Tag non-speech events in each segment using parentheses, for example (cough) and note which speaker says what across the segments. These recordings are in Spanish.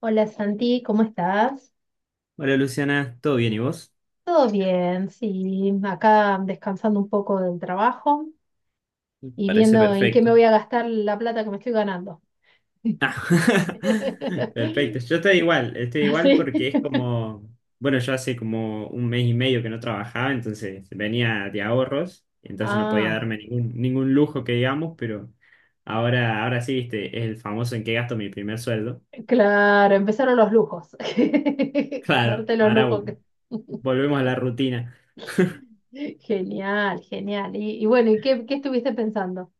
Speaker 1: Hola Santi, ¿cómo estás?
Speaker 2: Hola Luciana, ¿todo bien y vos?
Speaker 1: Todo bien, sí, acá descansando un poco del trabajo y
Speaker 2: Parece
Speaker 1: viendo en qué me
Speaker 2: perfecto.
Speaker 1: voy a gastar la plata que me estoy ganando.
Speaker 2: Ah, (laughs) perfecto.
Speaker 1: (laughs)
Speaker 2: Yo estoy igual
Speaker 1: ¿Sí?
Speaker 2: porque es como, bueno, yo hace como 1 mes y medio que no trabajaba, entonces venía de ahorros, entonces no podía
Speaker 1: Ah,
Speaker 2: darme ningún lujo que digamos, pero ahora, ahora sí, viste, es el famoso en qué gasto mi primer sueldo. (laughs)
Speaker 1: claro, empezaron los lujos. (laughs) A
Speaker 2: Claro,
Speaker 1: darte los
Speaker 2: ahora
Speaker 1: lujos.
Speaker 2: volvemos a la rutina.
Speaker 1: (laughs) Genial, genial. Y bueno, ¿y qué estuviste pensando?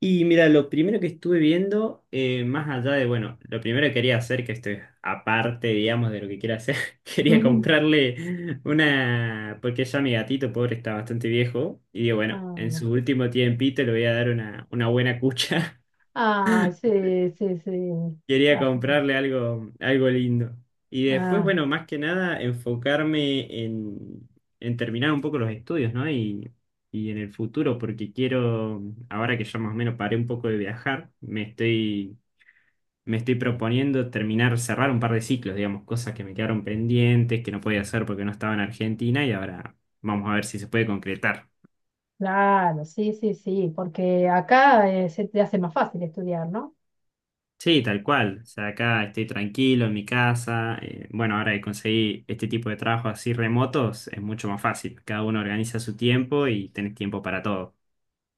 Speaker 2: Y mira, lo primero que estuve viendo, más allá de, bueno, lo primero que quería hacer, que esto es aparte, digamos, de lo que quiero hacer, (laughs)
Speaker 1: (laughs)
Speaker 2: quería
Speaker 1: Ujú.
Speaker 2: comprarle una, porque ya mi gatito pobre está bastante viejo, y digo, bueno, en su último tiempito le voy a dar una buena cucha,
Speaker 1: Ah, ah, sí, sí, sí.
Speaker 2: (laughs) quería
Speaker 1: Ah,
Speaker 2: comprarle algo, algo lindo. Y después,
Speaker 1: ah.
Speaker 2: bueno, más que nada, enfocarme en terminar un poco los estudios, ¿no? Y en el futuro, porque quiero, ahora que ya más o menos paré un poco de viajar, Me estoy proponiendo terminar, cerrar un par de ciclos, digamos, cosas que me quedaron pendientes, que no podía hacer porque no estaba en Argentina y ahora vamos a ver si se puede concretar.
Speaker 1: Claro, sí, sí, sí, porque acá se te hace más fácil estudiar, ¿no?
Speaker 2: Sí, tal cual. O sea, acá estoy tranquilo en mi casa. Bueno, ahora que conseguí este tipo de trabajos así remotos, es mucho más fácil. Cada uno organiza su tiempo y tenés tiempo para todo.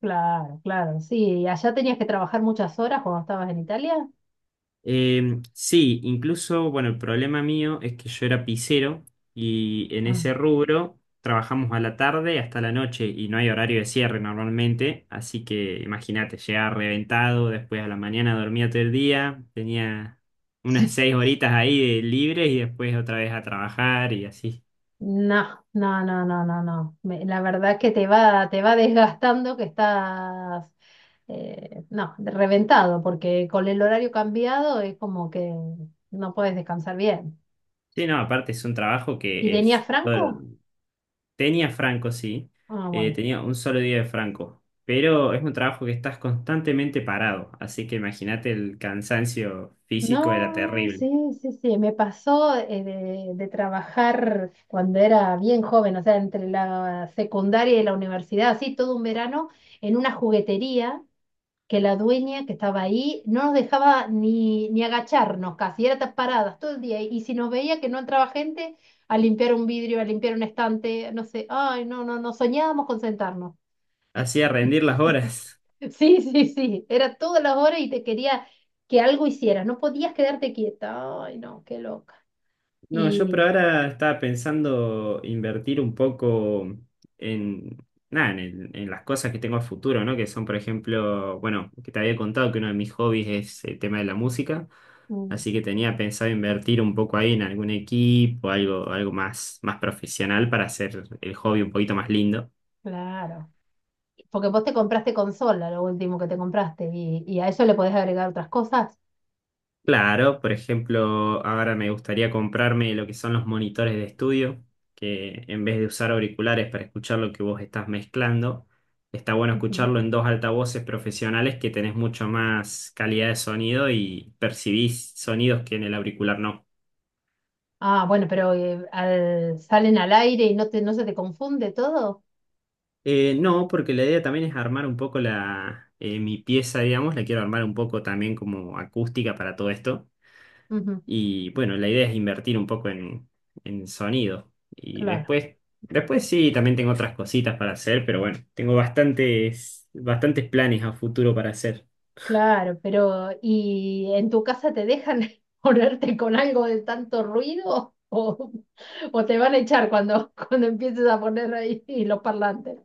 Speaker 1: Claro, claro, sí. ¿Y allá tenías que trabajar muchas horas cuando estabas en Italia?
Speaker 2: Sí, incluso, bueno, el problema mío es que yo era pisero y en
Speaker 1: Ah,
Speaker 2: ese rubro trabajamos a la tarde hasta la noche y no hay horario de cierre normalmente, así que imagínate, llegaba reventado, después a la mañana dormía todo el día, tenía unas
Speaker 1: sí.
Speaker 2: 6 horitas ahí de libres y después otra vez a trabajar y así.
Speaker 1: No, no, no, no, no, no. La verdad que te te va desgastando que estás, no, reventado, porque con el horario cambiado es como que no puedes descansar bien.
Speaker 2: Sí, no, aparte es un trabajo
Speaker 1: ¿Y
Speaker 2: que
Speaker 1: tenías
Speaker 2: es bueno.
Speaker 1: franco?
Speaker 2: Tenía franco, sí.
Speaker 1: Ah, bueno.
Speaker 2: Tenía un solo día de franco. Pero es un trabajo que estás constantemente parado. Así que imagínate el cansancio físico era
Speaker 1: No,
Speaker 2: terrible.
Speaker 1: sí, sí, sí, me pasó de trabajar cuando era bien joven, o sea, entre la secundaria y la universidad, así todo un verano, en una juguetería que la dueña que estaba ahí no nos dejaba ni agacharnos casi, era paradas todo el día, y si nos veía que no entraba gente, a limpiar un vidrio, a limpiar un estante, no sé, ay, no, no soñábamos con sentarnos.
Speaker 2: Hacía rendir las
Speaker 1: (laughs)
Speaker 2: horas.
Speaker 1: Sí, sí, sí. Era todas las horas y te quería que algo hicieras. No podías quedarte quieta. Ay, no, qué loca.
Speaker 2: No, yo por
Speaker 1: Y
Speaker 2: ahora estaba pensando invertir un poco en, nada, en, en las cosas que tengo a futuro, ¿no? Que son, por ejemplo, bueno, que te había contado que uno de mis hobbies es el tema de la música,
Speaker 1: mm,
Speaker 2: así que tenía pensado invertir un poco ahí en algún equipo, algo, algo más, más profesional para hacer el hobby un poquito más lindo.
Speaker 1: claro. Porque vos te compraste consola, lo último que te compraste, y a eso le podés agregar otras cosas.
Speaker 2: Claro, por ejemplo, ahora me gustaría comprarme lo que son los monitores de estudio, que en vez de usar auriculares para escuchar lo que vos estás mezclando, está bueno
Speaker 1: Ujú.
Speaker 2: escucharlo en dos altavoces profesionales que tenés mucho más calidad de sonido y percibís sonidos que en el auricular no.
Speaker 1: Ah, bueno, pero salen al aire y no no se te confunde todo.
Speaker 2: No, porque la idea también es armar un poco la, mi pieza, digamos, la quiero armar un poco también como acústica para todo esto.
Speaker 1: Ujú,
Speaker 2: Y bueno, la idea es invertir un poco en sonido. Y
Speaker 1: claro.
Speaker 2: después, después sí, también tengo otras cositas para hacer, pero bueno, tengo bastantes, bastantes planes a futuro para hacer.
Speaker 1: Claro, pero ¿y en tu casa te dejan (laughs) ponerte con algo de tanto ruido o te van a echar cuando, (laughs) cuando empieces a poner ahí (laughs) los parlantes?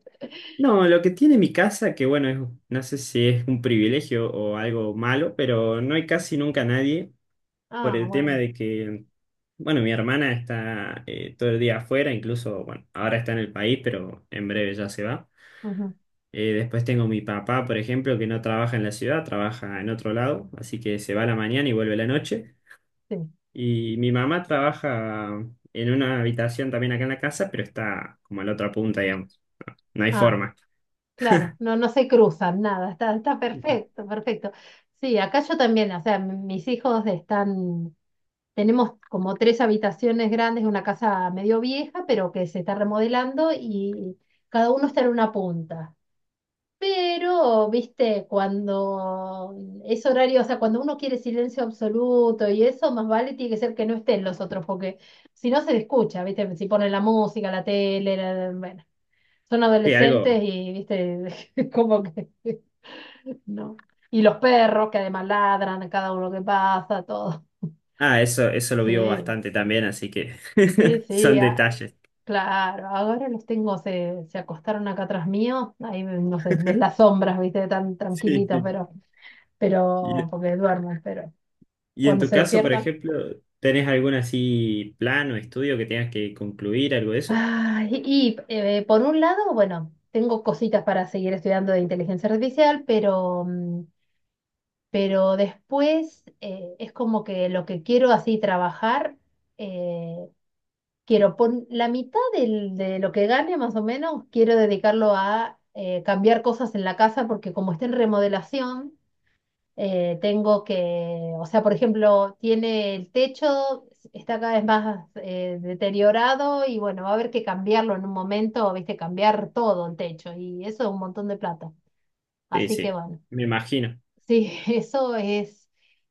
Speaker 2: No, lo que tiene mi casa, que bueno, no sé si es un privilegio o algo malo, pero no hay casi nunca nadie por
Speaker 1: Ah,
Speaker 2: el tema
Speaker 1: bueno.
Speaker 2: de que, bueno, mi hermana está todo el día afuera, incluso, bueno, ahora está en el país, pero en breve ya se va.
Speaker 1: Ujú,
Speaker 2: Después tengo mi papá, por ejemplo, que no trabaja en la ciudad, trabaja en otro lado, así que se va a la mañana y vuelve a la noche.
Speaker 1: sí.
Speaker 2: Y mi mamá trabaja en una habitación también acá en la casa, pero está como a la otra punta, digamos. No hay
Speaker 1: Ah,
Speaker 2: forma.
Speaker 1: claro. No, no se cruzan, nada. Está, está perfecto, perfecto. Sí, acá yo también, o sea, mis hijos están, tenemos como tres habitaciones grandes, una casa medio vieja, pero que se está remodelando y cada uno está en una punta. Pero, viste, cuando es horario, o sea, cuando uno quiere silencio absoluto y eso, más vale tiene que ser que no estén los otros, porque si no se le escucha, viste, si ponen la música, la tele, bueno, son
Speaker 2: Sí, algo.
Speaker 1: adolescentes y, viste, (laughs) como que no. Y los perros que además ladran a cada uno que pasa, todo.
Speaker 2: Ah, eso lo vivo
Speaker 1: Sí,
Speaker 2: bastante también, así que
Speaker 1: sí,
Speaker 2: (laughs) son
Speaker 1: sí, ah,
Speaker 2: detalles.
Speaker 1: claro. Ahora los tengo, se acostaron acá atrás mío, ahí, no sé, ves las
Speaker 2: (laughs)
Speaker 1: sombras, viste, tan
Speaker 2: Sí,
Speaker 1: tranquilitos,
Speaker 2: sí.
Speaker 1: pero
Speaker 2: Y,
Speaker 1: porque duermen, pero
Speaker 2: y en
Speaker 1: cuando
Speaker 2: tu
Speaker 1: se
Speaker 2: caso, por
Speaker 1: despiertan.
Speaker 2: ejemplo, ¿tenés algún así plan o estudio que tengas que concluir, algo de eso?
Speaker 1: Ay, y por un lado, bueno, tengo cositas para seguir estudiando de inteligencia artificial, pero, mm, pero después es como que lo que quiero así trabajar, eh, quiero pon la mitad de lo que gane más o menos, quiero dedicarlo a cambiar cosas en la casa porque como está en remodelación tengo que, o sea, por ejemplo, tiene el techo, está cada vez más deteriorado y bueno, va a haber que cambiarlo en un momento, viste, cambiar todo el techo y eso es un montón de plata.
Speaker 2: Sí,
Speaker 1: Así que
Speaker 2: sí,
Speaker 1: bueno,
Speaker 2: me imagino.
Speaker 1: sí, (laughs) eso es.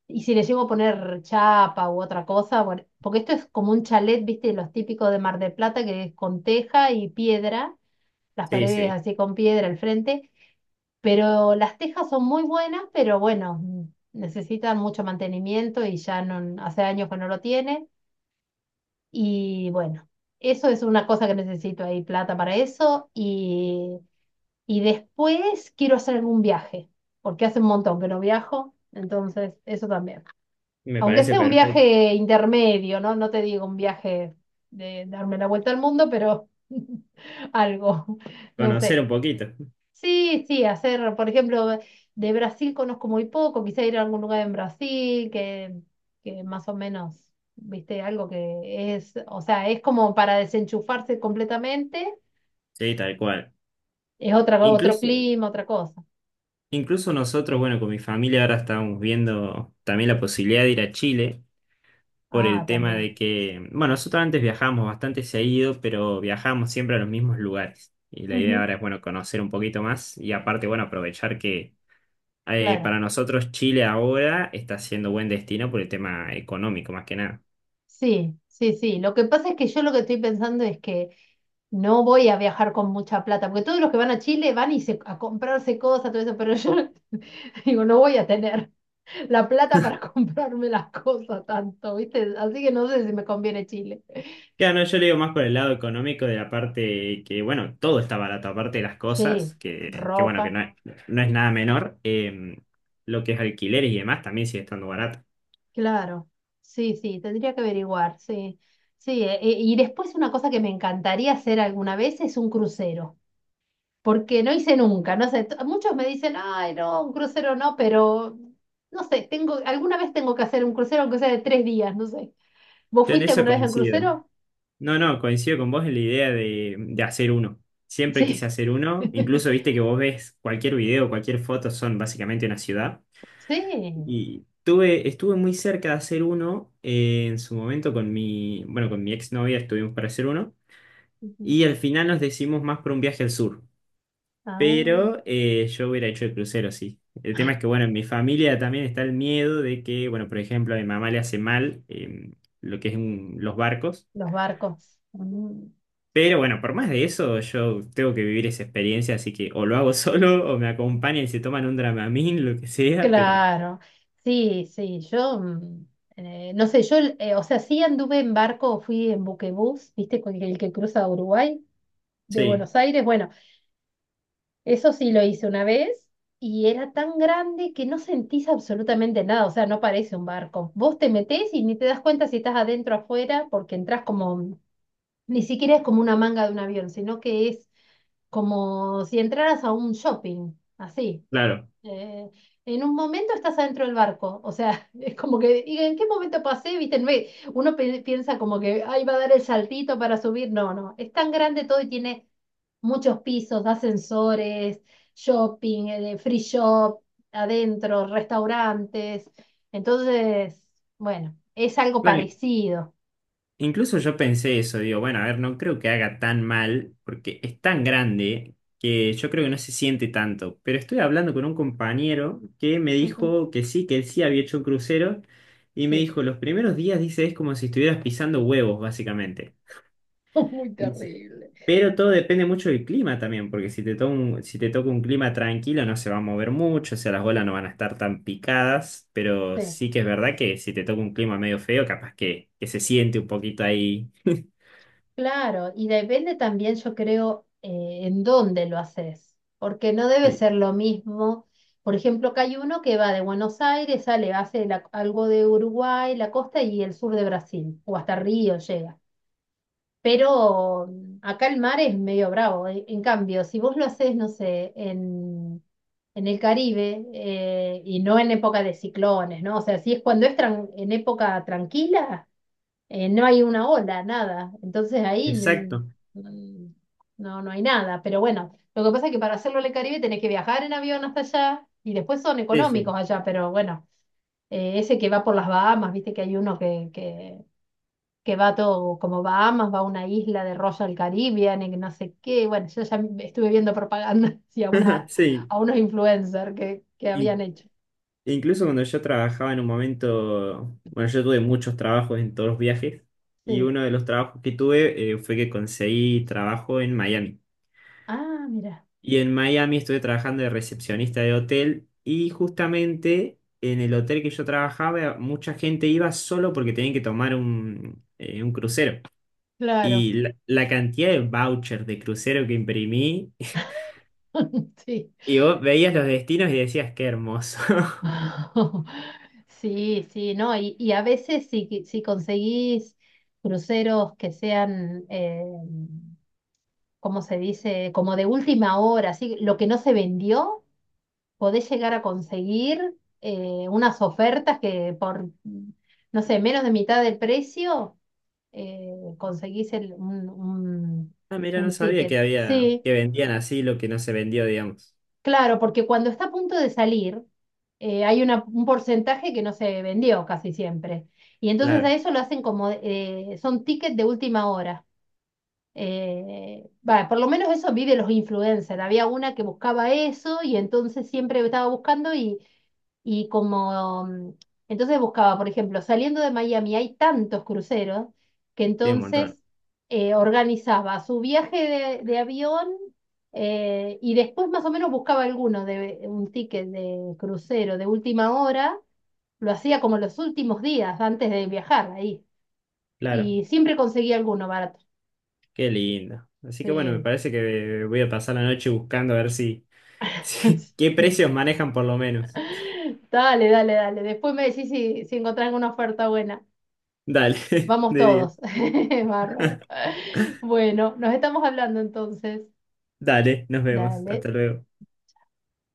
Speaker 1: Y si le llego a poner chapa u otra cosa, bueno, porque esto es como un chalet, viste, los típicos de Mar del Plata, que es con teja y piedra, las
Speaker 2: Sí,
Speaker 1: paredes
Speaker 2: sí,
Speaker 1: así con piedra al frente, pero las tejas son muy buenas, pero bueno, mm, necesitan mucho mantenimiento y ya no, hace años que no lo tiene. Y bueno, eso es una cosa que necesito ahí, plata para eso. Y después quiero hacer algún viaje, porque hace un montón que no viajo, entonces eso también.
Speaker 2: me
Speaker 1: Aunque
Speaker 2: parece
Speaker 1: sea un
Speaker 2: perfecto.
Speaker 1: viaje intermedio, ¿no? No te digo un viaje de darme la vuelta al mundo, pero (laughs) algo, no
Speaker 2: Conocer
Speaker 1: sé.
Speaker 2: un poquito.
Speaker 1: Sí, sí, hacer, por ejemplo, de Brasil conozco muy poco, quizá ir a algún lugar en Brasil que más o menos, viste, algo que es, o sea, es como para desenchufarse completamente,
Speaker 2: Sí, tal cual.
Speaker 1: es otra, otro
Speaker 2: Incluso,
Speaker 1: clima, otra cosa.
Speaker 2: incluso nosotros, bueno, con mi familia ahora estábamos viendo también la posibilidad de ir a Chile por
Speaker 1: Ah,
Speaker 2: el tema
Speaker 1: también.
Speaker 2: de que, bueno, nosotros antes viajamos bastante seguido, pero viajamos siempre a los mismos lugares. Y la idea
Speaker 1: Ujú,
Speaker 2: ahora es, bueno, conocer un poquito más y aparte, bueno, aprovechar que
Speaker 1: claro.
Speaker 2: para nosotros Chile ahora está siendo buen destino por el tema económico, más que nada.
Speaker 1: Sí, sí, sí. Lo que pasa es que yo lo que estoy pensando es que no voy a viajar con mucha plata, porque todos los que van a Chile van y a comprarse cosas, todo eso, pero yo (laughs) digo, no voy a tener la plata para (laughs) comprarme las cosas tanto, ¿viste? Así que no sé si me conviene Chile.
Speaker 2: Claro, no, yo le digo más por el lado económico de la parte que, bueno, todo está barato, aparte de las
Speaker 1: Sí,
Speaker 2: cosas, que bueno,
Speaker 1: ropa,
Speaker 2: que no es, no es nada menor. Lo que es alquileres y demás también sigue estando barato.
Speaker 1: claro. Sí, sí, tendría que averiguar, sí. Sí, y después una cosa que me encantaría hacer alguna vez es un crucero, porque no hice nunca, no sé, muchos me dicen, ay, no, un crucero no, pero no sé, tengo, alguna vez tengo que hacer un crucero, aunque sea de tres días, no sé. ¿Vos
Speaker 2: Yo en
Speaker 1: fuiste
Speaker 2: eso
Speaker 1: alguna vez a un
Speaker 2: coincido.
Speaker 1: crucero?
Speaker 2: No, no, coincido con vos en la idea de hacer uno. Siempre quise
Speaker 1: Sí.
Speaker 2: hacer uno. Incluso viste
Speaker 1: (laughs)
Speaker 2: que vos ves cualquier video, cualquier foto, son básicamente una ciudad.
Speaker 1: Sí.
Speaker 2: Y tuve, estuve muy cerca de hacer uno en su momento con mi, bueno, con mi exnovia estuvimos para hacer uno.
Speaker 1: Ujú.
Speaker 2: Y al final nos decidimos más por un viaje al sur.
Speaker 1: Ah.
Speaker 2: Pero yo hubiera hecho el crucero, sí. El tema es que, bueno, en mi familia también está el miedo de que, bueno, por ejemplo, a mi mamá le hace mal lo que es los barcos.
Speaker 1: Los barcos. Mm.
Speaker 2: Pero bueno, por más de eso, yo tengo que vivir esa experiencia, así que o lo hago (laughs) solo o me acompañan y se toman un Dramamine, lo que sea, pero
Speaker 1: Claro, sí, sí, yo, mm, no sé, yo, o sea, sí anduve en barco, fui en buquebús, viste, con el que cruza Uruguay, de
Speaker 2: sí,
Speaker 1: Buenos Aires, bueno, eso sí lo hice una vez y era tan grande que no sentís absolutamente nada, o sea, no parece un barco. Vos te metés y ni te das cuenta si estás adentro o afuera porque entras como, ni siquiera es como una manga de un avión, sino que es como si entraras a un shopping, así.
Speaker 2: claro.
Speaker 1: Eh, en un momento estás adentro del barco, o sea, (laughs) es como que, ¿y en qué momento pasé? ¿Viste? No es- Uno piensa como que, ay, va a dar el saltito para subir. No, no, es tan grande todo y tiene muchos pisos, ascensores, shopping, free shop, adentro, restaurantes. Entonces, bueno, es algo
Speaker 2: Claro,
Speaker 1: parecido.
Speaker 2: incluso yo pensé eso, digo, bueno, a ver, no creo que haga tan mal, porque es tan grande que yo creo que no se siente tanto. Pero estoy hablando con un compañero que me
Speaker 1: Ujú,
Speaker 2: dijo que sí, que él sí había hecho un crucero, y me
Speaker 1: sí.
Speaker 2: dijo, los primeros días, dice, es como si estuvieras pisando huevos, básicamente.
Speaker 1: (laughs) Muy
Speaker 2: Dice,
Speaker 1: terrible.
Speaker 2: pero todo depende mucho del clima también, porque si te toca un, si te toca un clima tranquilo no se va a mover mucho, o sea, las olas no van a estar tan picadas, pero
Speaker 1: Sí.
Speaker 2: sí que es verdad que si te toca un clima medio feo, capaz que se siente un poquito ahí.
Speaker 1: Claro, y depende también, yo creo, en dónde lo haces, porque no debe
Speaker 2: Sí,
Speaker 1: ser lo mismo. Por ejemplo, acá hay uno que va de Buenos Aires, sale, hace algo de Uruguay, la costa y el sur de Brasil, o hasta Río llega. Pero mm, acá el mar es medio bravo. En cambio, si vos lo haces, no sé, en el Caribe, y no en época de ciclones, ¿no? O sea, si es cuando es en época tranquila no hay una ola, nada. Entonces ahí mm,
Speaker 2: exacto.
Speaker 1: mm, no, no hay nada. Pero bueno, lo que pasa es que para hacerlo en el Caribe tenés que viajar en avión hasta allá y después son
Speaker 2: Sí, sí.
Speaker 1: económicos allá, pero bueno, ese que va por las Bahamas, viste que hay uno que va todo como Bahamas, va a una isla de Royal Caribbean y que no sé qué. Bueno, yo ya estuve viendo propaganda (laughs) sí, a,
Speaker 2: (laughs)
Speaker 1: una,
Speaker 2: Sí.
Speaker 1: a unos influencers que
Speaker 2: Y
Speaker 1: habían hecho.
Speaker 2: e incluso cuando yo trabajaba en un momento, bueno, yo tuve muchos trabajos en todos los viajes y
Speaker 1: Sí.
Speaker 2: uno de los trabajos que tuve fue que conseguí trabajo en Miami.
Speaker 1: Ah, mira,
Speaker 2: Y en Miami estuve trabajando de recepcionista de hotel y justamente en el hotel que yo trabajaba mucha gente iba solo porque tenían que tomar un crucero.
Speaker 1: claro.
Speaker 2: Y la cantidad de vouchers de crucero que imprimí, (laughs)
Speaker 1: (laughs) Sí.
Speaker 2: y vos veías los destinos y decías, qué hermoso.
Speaker 1: (laughs) Sí, sí, no, y a veces si conseguís cruceros que sean, ¿cómo se dice? Como de última hora, así, lo que no se vendió, podés llegar a conseguir unas ofertas que por, no sé, menos de mitad del precio, conseguís
Speaker 2: Ah, mira, no
Speaker 1: un
Speaker 2: sabía que
Speaker 1: ticket.
Speaker 2: había,
Speaker 1: Sí,
Speaker 2: que vendían así lo que no se vendió, digamos.
Speaker 1: claro, porque cuando está a punto de salir, hay un porcentaje que no se vendió casi siempre. Y entonces a
Speaker 2: Claro,
Speaker 1: eso lo hacen como, son tickets de última hora. Va, por lo menos eso vive los influencers. Había una que buscaba eso y entonces siempre estaba buscando y como, mm, entonces buscaba, por ejemplo, saliendo de Miami hay tantos cruceros que
Speaker 2: tiene un montón.
Speaker 1: entonces organizaba su viaje de avión y después más o menos buscaba alguno de un ticket de crucero de última hora, lo hacía como los últimos días antes de viajar ahí.
Speaker 2: Claro,
Speaker 1: Y siempre conseguía alguno barato.
Speaker 2: qué lindo. Así que bueno, me
Speaker 1: Sí.
Speaker 2: parece que voy a pasar la noche buscando a ver si, (laughs) si qué
Speaker 1: (laughs)
Speaker 2: precios manejan por lo menos.
Speaker 1: Dale, dale, dale. Después me decís si encontrás alguna oferta buena.
Speaker 2: Dale, (laughs)
Speaker 1: Vamos
Speaker 2: de 10.
Speaker 1: todos. (laughs) Bárbaro. Bueno, nos estamos hablando entonces.
Speaker 2: Dale, nos vemos.
Speaker 1: Dale.
Speaker 2: Hasta luego.